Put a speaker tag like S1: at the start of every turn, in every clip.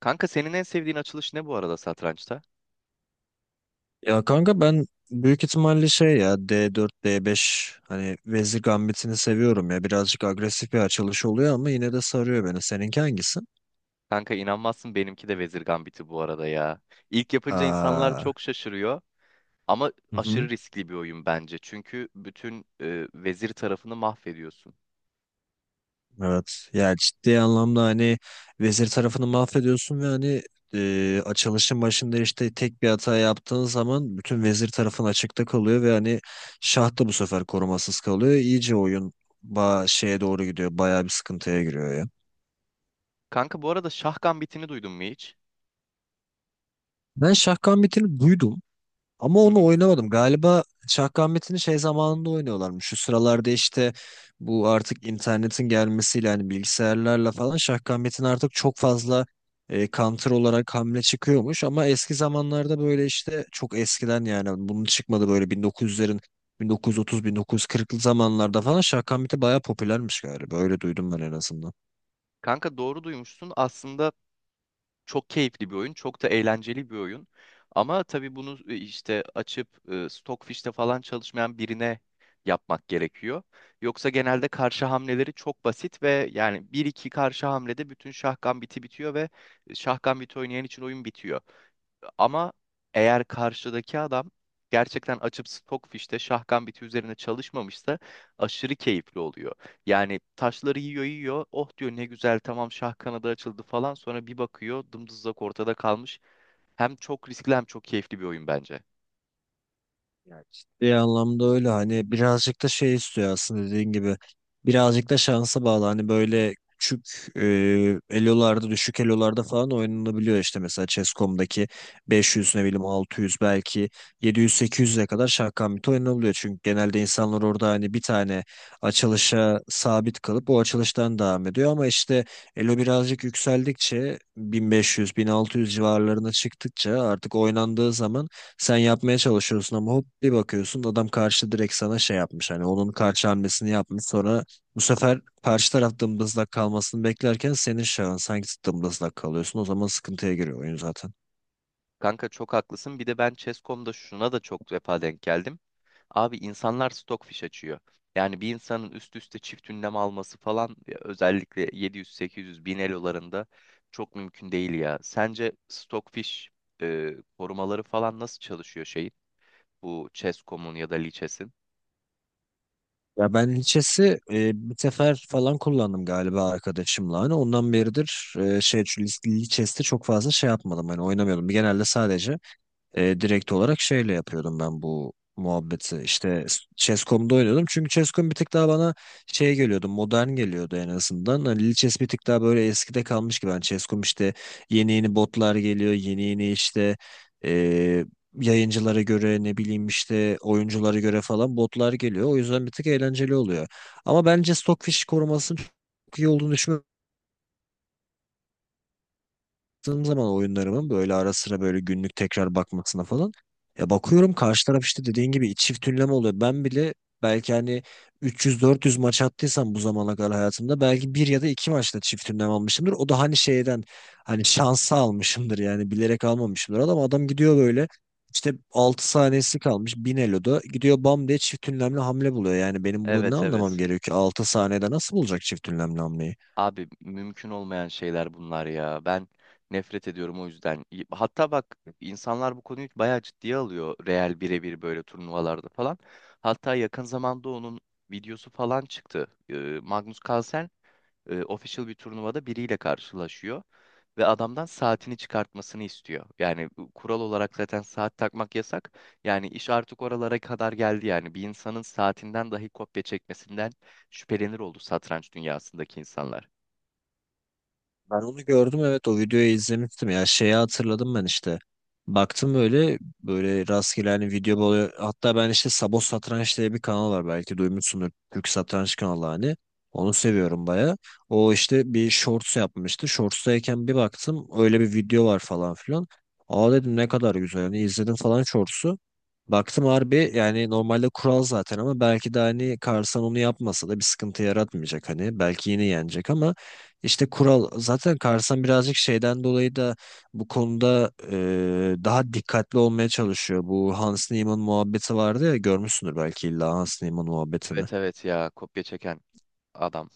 S1: Kanka senin en sevdiğin açılış ne bu arada satrançta?
S2: Ya kanka ben büyük ihtimalle şey ya D4, D5 hani Vezir Gambit'ini seviyorum ya. Birazcık agresif bir açılış oluyor ama yine de sarıyor beni. Seninki hangisi?
S1: Kanka inanmazsın benimki de Vezir Gambit'i bu arada ya. İlk yapınca insanlar
S2: Aa,
S1: çok şaşırıyor ama
S2: hı
S1: aşırı
S2: hı,
S1: riskli bir oyun bence. Çünkü bütün vezir tarafını mahvediyorsun.
S2: evet. Ya ciddi anlamda hani Vezir tarafını mahvediyorsun ve hani açılışın başında işte tek bir hata yaptığın zaman bütün Vezir tarafın açıkta kalıyor ve hani şah da bu sefer korumasız kalıyor. İyice oyun şeye doğru gidiyor. Bayağı bir sıkıntıya giriyor ya.
S1: Kanka bu arada Şah Gambit'ini duydun mu hiç?
S2: Ben şah gambitini duydum. Ama
S1: Hı
S2: onu
S1: hı.
S2: oynamadım. Galiba Şahkamet'ini şey zamanında oynuyorlarmış. Şu sıralarda işte bu artık internetin gelmesiyle hani bilgisayarlarla falan Şahkamet'in artık çok fazla counter olarak hamle çıkıyormuş. Ama eski zamanlarda böyle işte çok eskiden yani bunun çıkmadı böyle 1900'lerin 1930-1940'lı zamanlarda falan Şahkamet'i bayağı popülermiş galiba. Öyle duydum ben en azından.
S1: Kanka doğru duymuşsun. Aslında çok keyifli bir oyun, çok da eğlenceli bir oyun. Ama tabii bunu işte açıp Stockfish'te falan çalışmayan birine yapmak gerekiyor. Yoksa genelde karşı hamleleri çok basit ve yani bir iki karşı hamlede bütün şah gambiti bitiyor ve şah gambiti oynayan için oyun bitiyor. Ama eğer karşıdaki adam gerçekten açıp Stockfish'te şahkan biti üzerine çalışmamışsa aşırı keyifli oluyor. Yani taşları yiyor yiyor. Oh diyor, ne güzel, tamam, şah kanadı açıldı falan. Sonra bir bakıyor dımdızlak ortada kalmış. Hem çok riskli hem çok keyifli bir oyun bence.
S2: Ya ciddi anlamda öyle hani birazcık da şey istiyor aslında dediğin gibi birazcık da şansa bağlı hani böyle küçük elolarda düşük elolarda falan oynanabiliyor işte mesela Chess.com'daki 500 ne bileyim 600 belki 700-800'e kadar şahkamit oynanabiliyor çünkü genelde insanlar orada hani bir tane açılışa sabit kalıp o açılıştan devam ediyor ama işte elo birazcık yükseldikçe 1500-1600 civarlarına çıktıkça artık oynandığı zaman sen yapmaya çalışıyorsun ama hop bir bakıyorsun adam karşı direkt sana şey yapmış. Hani onun karşı hamlesini yapmış. Sonra bu sefer karşı taraf dımdızlak kalmasını beklerken senin şahın sanki dımdızlak kalıyorsun. O zaman sıkıntıya giriyor oyun zaten.
S1: Kanka çok haklısın. Bir de ben Chess.com'da şuna da çok defa denk geldim. Abi insanlar stockfish açıyor. Yani bir insanın üst üste çift ünlem alması falan ya, özellikle 700, 800, 1000 elolarında çok mümkün değil ya. Sence stockfish korumaları falan nasıl çalışıyor şeyin? Bu Chess.com'un ya da Lichess'in?
S2: Ya ben Lichess'i bir sefer falan kullandım galiba arkadaşımla. Hani ondan beridir şu Lichess'te çok fazla şey yapmadım. Hani oynamıyordum. Genelde sadece direkt olarak şeyle yapıyordum ben bu muhabbeti. İşte Chess.com'da oynuyordum. Çünkü Chess.com bir tık daha bana şey geliyordu, modern geliyordu en azından. Hani Lil Chess bir tık daha böyle eskide kalmış gibi. Hani Chess.com işte yeni yeni botlar geliyor, yeni yeni işte e, yayıncılara göre ne bileyim işte oyunculara göre falan botlar geliyor. O yüzden bir tık eğlenceli oluyor. Ama bence Stockfish korumasının çok iyi olduğunu düşünmüyorum, baktığım zaman oyunlarımın böyle ara sıra böyle günlük tekrar bakmasına falan ya bakıyorum karşı taraf işte dediğin gibi çift ünleme oluyor. Ben bile belki hani 300-400 maç attıysam bu zamana kadar hayatımda belki bir ya da iki maçta çift ünlem almışımdır. O da hani şeyden hani şansa almışımdır yani bilerek almamışımdır. Adam gidiyor böyle işte 6 saniyesi kalmış 1000 eloda gidiyor bam diye çift ünlemli hamle buluyor. Yani benim burada ne
S1: Evet,
S2: anlamam
S1: evet.
S2: gerekiyor ki 6 saniyede nasıl bulacak çift ünlemli hamleyi?
S1: Abi mümkün olmayan şeyler bunlar ya. Ben nefret ediyorum o yüzden. Hatta bak, insanlar bu konuyu bayağı ciddiye alıyor. Real birebir böyle turnuvalarda falan. Hatta yakın zamanda onun videosu falan çıktı. Magnus Carlsen official bir turnuvada biriyle karşılaşıyor. Ve adamdan saatini çıkartmasını istiyor. Yani bu kural olarak zaten saat takmak yasak. Yani iş artık oralara kadar geldi yani. Bir insanın saatinden dahi kopya çekmesinden şüphelenir oldu satranç dünyasındaki insanlar.
S2: Ben onu gördüm, evet, o videoyu izlemiştim ya, şeyi hatırladım ben işte. Baktım böyle böyle rastgele hani video böyle, hatta ben işte Sabo Satranç diye bir kanal var belki duymuşsundur, Türk satranç kanalı hani. Onu seviyorum baya. O işte bir shorts yapmıştı. Shorts'tayken bir baktım öyle bir video var falan filan. Aa dedim ne kadar güzel hani, izledim falan shorts'u. Baktım harbi yani normalde kural zaten, ama belki de hani Karsan onu yapmasa da bir sıkıntı yaratmayacak hani. Belki yine yenecek, ama işte kural zaten, Karsan birazcık şeyden dolayı da bu konuda daha dikkatli olmaya çalışıyor. Bu Hans Niemann muhabbeti vardı ya, görmüşsündür belki illa Hans Niemann muhabbetini.
S1: Evet, evet, ya kopya çeken adam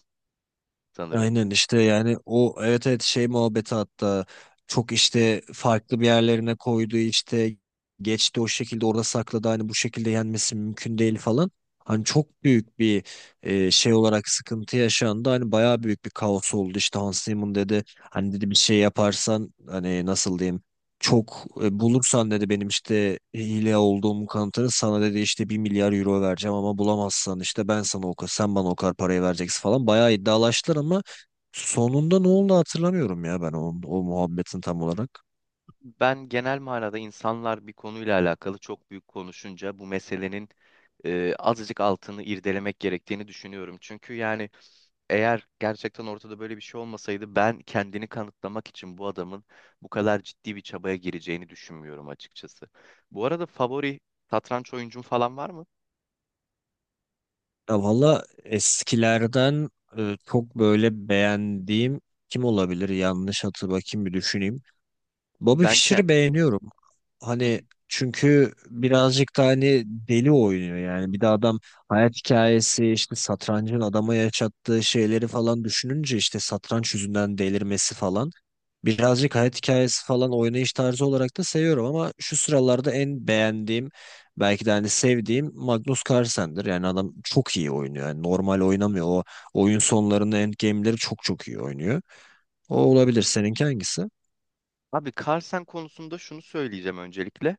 S1: sanırım.
S2: Aynen işte yani o, evet evet, şey muhabbeti, hatta çok işte farklı bir yerlerine koydu işte, geçti o şekilde, orada sakladı, hani bu şekilde yenmesi mümkün değil falan. Hani çok büyük bir şey olarak sıkıntı yaşandı. Hani bayağı büyük bir kaos oldu, işte Hans Zimmer dedi. Hani dedi bir şey yaparsan hani nasıl diyeyim, çok bulursan dedi benim işte hile olduğumu, kanıtını sana dedi işte 1 milyar euro vereceğim, ama bulamazsan işte ben sana o kadar, sen bana o kadar parayı vereceksin falan. Bayağı iddialaştılar ama sonunda ne oldu hatırlamıyorum ya ben o muhabbetin tam olarak.
S1: Ben genel manada insanlar bir konuyla alakalı çok büyük konuşunca bu meselenin azıcık altını irdelemek gerektiğini düşünüyorum. Çünkü yani eğer gerçekten ortada böyle bir şey olmasaydı ben kendini kanıtlamak için bu adamın bu kadar ciddi bir çabaya gireceğini düşünmüyorum açıkçası. Bu arada favori satranç oyuncun falan var mı?
S2: Ya valla eskilerden çok böyle beğendiğim kim olabilir? Yanlış hatı Bakayım bir düşüneyim. Bobby
S1: Ben kendim...
S2: Fischer'ı beğeniyorum. Hani çünkü birazcık da hani deli oynuyor yani. Bir de adam, hayat hikayesi işte satrancın adama yaşattığı şeyleri falan düşününce işte satranç yüzünden delirmesi falan. Birazcık hayat hikayesi falan, oynayış tarzı olarak da seviyorum, ama şu sıralarda en beğendiğim belki de hani sevdiğim Magnus Carlsen'dir. Yani adam çok iyi oynuyor. Yani normal oynamıyor. O oyun sonlarında endgame'leri çok çok iyi oynuyor. O olabilir. Seninki hangisi?
S1: Abi Carlsen konusunda şunu söyleyeceğim öncelikle.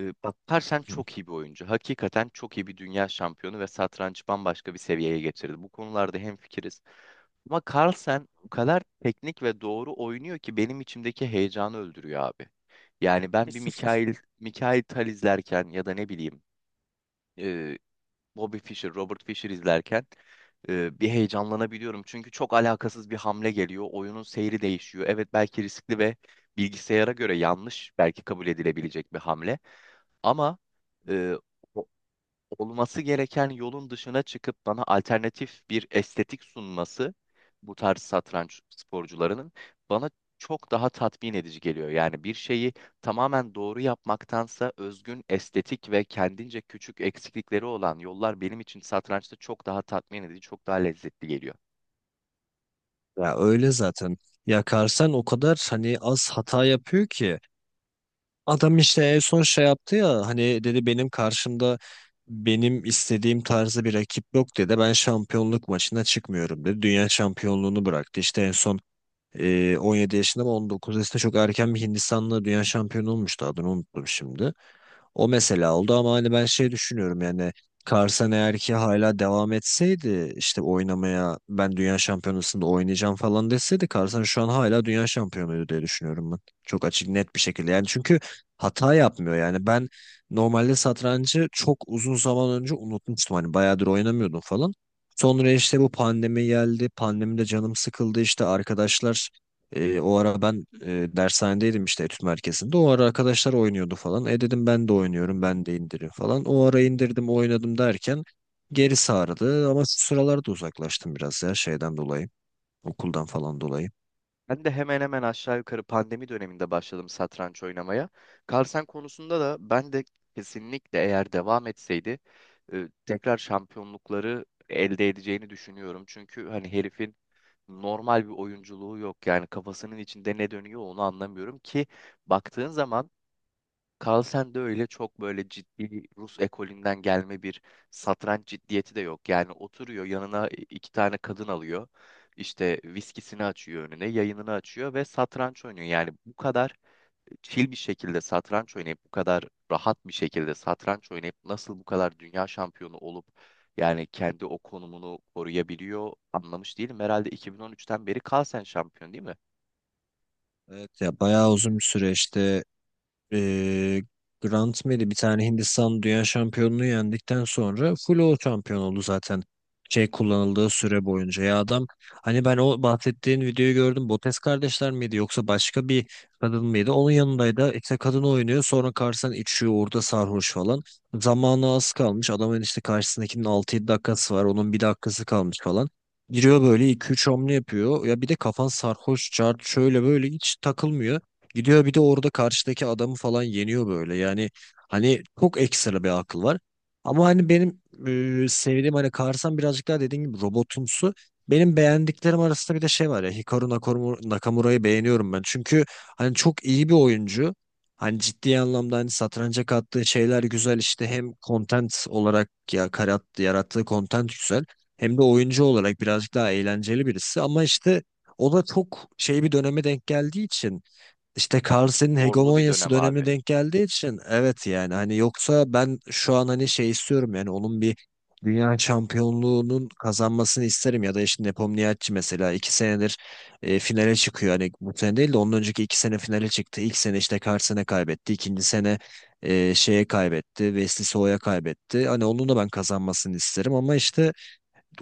S1: Bak, Carlsen
S2: Hı.
S1: çok iyi bir oyuncu. Hakikaten çok iyi bir dünya şampiyonu ve satrancı bambaşka bir seviyeye getirdi. Bu konularda hemfikiriz. Ama Carlsen o kadar teknik ve doğru oynuyor ki benim içimdeki heyecanı öldürüyor abi. Yani ben bir Mikail Tal izlerken ya da ne bileyim Bobby Fischer, Robert Fischer izlerken bir heyecanlanabiliyorum. Çünkü çok alakasız bir hamle geliyor. Oyunun seyri değişiyor. Evet, belki riskli ve bilgisayara göre yanlış belki kabul edilebilecek bir hamle. Ama e, olması gereken yolun dışına çıkıp bana alternatif bir estetik sunması, bu tarz satranç sporcularının bana çok daha tatmin edici geliyor. Yani bir şeyi tamamen doğru yapmaktansa özgün estetik ve kendince küçük eksiklikleri olan yollar benim için satrançta çok daha tatmin edici, çok daha lezzetli geliyor.
S2: Ya öyle zaten. Ya Carlsen o kadar hani az hata yapıyor ki, adam işte en son şey yaptı ya hani dedi benim karşımda benim istediğim tarzda bir rakip yok dedi. Ben şampiyonluk maçına çıkmıyorum dedi. Dünya şampiyonluğunu bıraktı. İşte en son 17 yaşında ama 19 yaşında çok erken bir Hindistanlı dünya şampiyonu olmuştu, adını unuttum şimdi. O mesela oldu, ama hani ben şey düşünüyorum yani, Carson eğer ki hala devam etseydi işte oynamaya, ben dünya şampiyonasında oynayacağım falan deseydi, Carson şu an hala dünya şampiyonuydu diye düşünüyorum ben. Çok açık net bir şekilde, yani çünkü hata yapmıyor yani. Ben normalde satrancı çok uzun zaman önce unutmuştum, hani bayağıdır oynamıyordum falan. Sonra işte bu pandemi geldi. Pandemide canım sıkıldı, işte arkadaşlar, o ara ben dershanedeydim işte, etüt merkezinde. O ara arkadaşlar oynuyordu falan. E dedim ben de oynuyorum, ben de indirim falan. O ara indirdim, oynadım derken geri sardı. Ama şu sıralarda uzaklaştım biraz ya şeyden dolayı. Okuldan falan dolayı.
S1: Ben de hemen hemen aşağı yukarı pandemi döneminde başladım satranç oynamaya. Carlsen konusunda da ben de kesinlikle eğer devam etseydi tekrar şampiyonlukları elde edeceğini düşünüyorum. Çünkü hani herifin normal bir oyunculuğu yok. Yani kafasının içinde ne dönüyor onu anlamıyorum ki, baktığın zaman Carlsen de öyle çok böyle ciddi Rus ekolünden gelme bir satranç ciddiyeti de yok. Yani oturuyor, yanına iki tane kadın alıyor. İşte viskisini açıyor önüne, yayınını açıyor ve satranç oynuyor. Yani bu kadar chill bir şekilde satranç oynayıp, bu kadar rahat bir şekilde satranç oynayıp nasıl bu kadar dünya şampiyonu olup yani kendi o konumunu koruyabiliyor anlamış değilim. Herhalde 2013'ten beri Carlsen şampiyon değil mi?
S2: Evet ya bayağı uzun bir süreçti. Ee, Grant Mary bir tane, Hindistan dünya şampiyonluğu yendikten sonra full o şampiyon oldu zaten şey kullanıldığı süre boyunca. Ya adam, hani ben o bahsettiğin videoyu gördüm. Botes kardeşler miydi yoksa başka bir kadın mıydı onun yanındaydı? İşte kadın oynuyor, sonra karşısına içiyor orada sarhoş falan. Zamanı az kalmış. Adamın işte karşısındakinin 6-7 dakikası var. Onun bir dakikası kalmış falan. Giriyor böyle 2-3 hamle yapıyor. Ya bir de kafan sarhoş, çarp şöyle böyle hiç takılmıyor. Gidiyor bir de orada karşıdaki adamı falan yeniyor böyle. Yani hani çok ekstra bir akıl var. Ama hani benim sevdiğim hani Karsan birazcık daha dediğim gibi robotumsu. Benim beğendiklerim arasında bir de şey var ya, Nakamura'yı beğeniyorum ben. Çünkü hani çok iyi bir oyuncu. Hani ciddi anlamda hani satranca kattığı şeyler güzel, işte hem content olarak ya yarattığı content güzel, hem de oyuncu olarak birazcık daha eğlenceli birisi, ama işte o da çok şey bir döneme denk geldiği için, işte Carlsen'in
S1: Zorlu bir
S2: hegemonyası
S1: dönem
S2: dönemi
S1: abi.
S2: denk geldiği için, evet yani hani, yoksa ben şu an hani şey istiyorum yani, onun bir dünya şampiyonluğunun kazanmasını isterim, ya da işte Nepomniachtchi mesela 2 senedir finale çıkıyor, hani bu sene değil de ondan önceki 2 sene finale çıktı, ilk sene işte Carlsen'e kaybetti, ikinci sene şeye kaybetti, Wesley So'ya kaybetti, hani onun da ben kazanmasını isterim, ama işte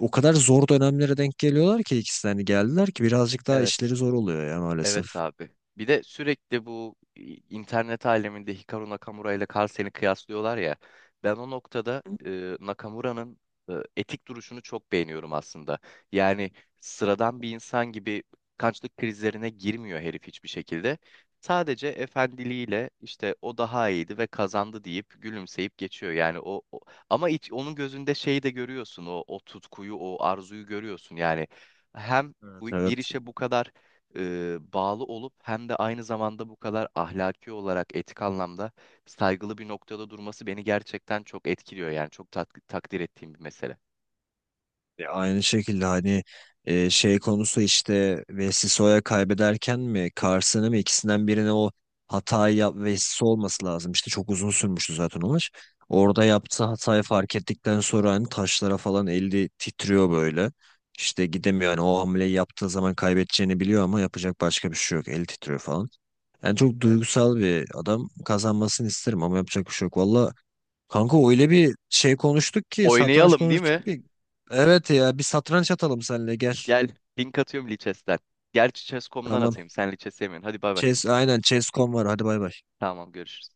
S2: o kadar zor dönemlere denk geliyorlar ki ikisi de, hani geldiler ki birazcık daha
S1: Evet.
S2: işleri zor oluyor ya maalesef.
S1: Evet abi. Bir de sürekli bu internet aleminde Hikaru Nakamura ile Carl Sagan'ı kıyaslıyorlar ya. Ben o noktada Nakamura'nın etik duruşunu çok beğeniyorum aslında. Yani sıradan bir insan gibi kançlık krizlerine girmiyor herif hiçbir şekilde. Sadece efendiliğiyle, işte o daha iyiydi ve kazandı, deyip gülümseyip geçiyor. Yani ama onun gözünde şeyi de görüyorsun, o o tutkuyu, o arzuyu görüyorsun. Yani hem
S2: Evet
S1: bir
S2: evet.
S1: işe bu kadar bağlı olup hem de aynı zamanda bu kadar ahlaki olarak etik anlamda saygılı bir noktada durması beni gerçekten çok etkiliyor yani çok takdir ettiğim bir mesele.
S2: Ya aynı şekilde hani şey konusu işte Vessisso'ya kaybederken mi Carson'ı mı, ikisinden birine o hatayı yap, Vessiso olması lazım. İşte çok uzun sürmüştü zaten o maç. Orada yaptığı hatayı fark ettikten sonra hani taşlara falan eli titriyor böyle. İşte gidemiyor, hani o hamleyi yaptığı zaman kaybedeceğini biliyor ama yapacak başka bir şey yok. Eli titriyor falan. Yani çok
S1: Evet.
S2: duygusal bir adam, kazanmasını isterim ama yapacak bir şey yok. Valla kanka öyle bir şey konuştuk ki, satranç
S1: Oynayalım değil
S2: konuştuk
S1: mi?
S2: ki. Evet ya bir satranç atalım seninle, gel.
S1: Gel, link atıyorum Lichess'ten. Gerçi Chess.com'dan
S2: Tamam.
S1: atayım. Sen Lichess yemiyorsun. Hadi bay bay.
S2: Chess aynen, Chess.com var, hadi bay bay.
S1: Tamam, görüşürüz.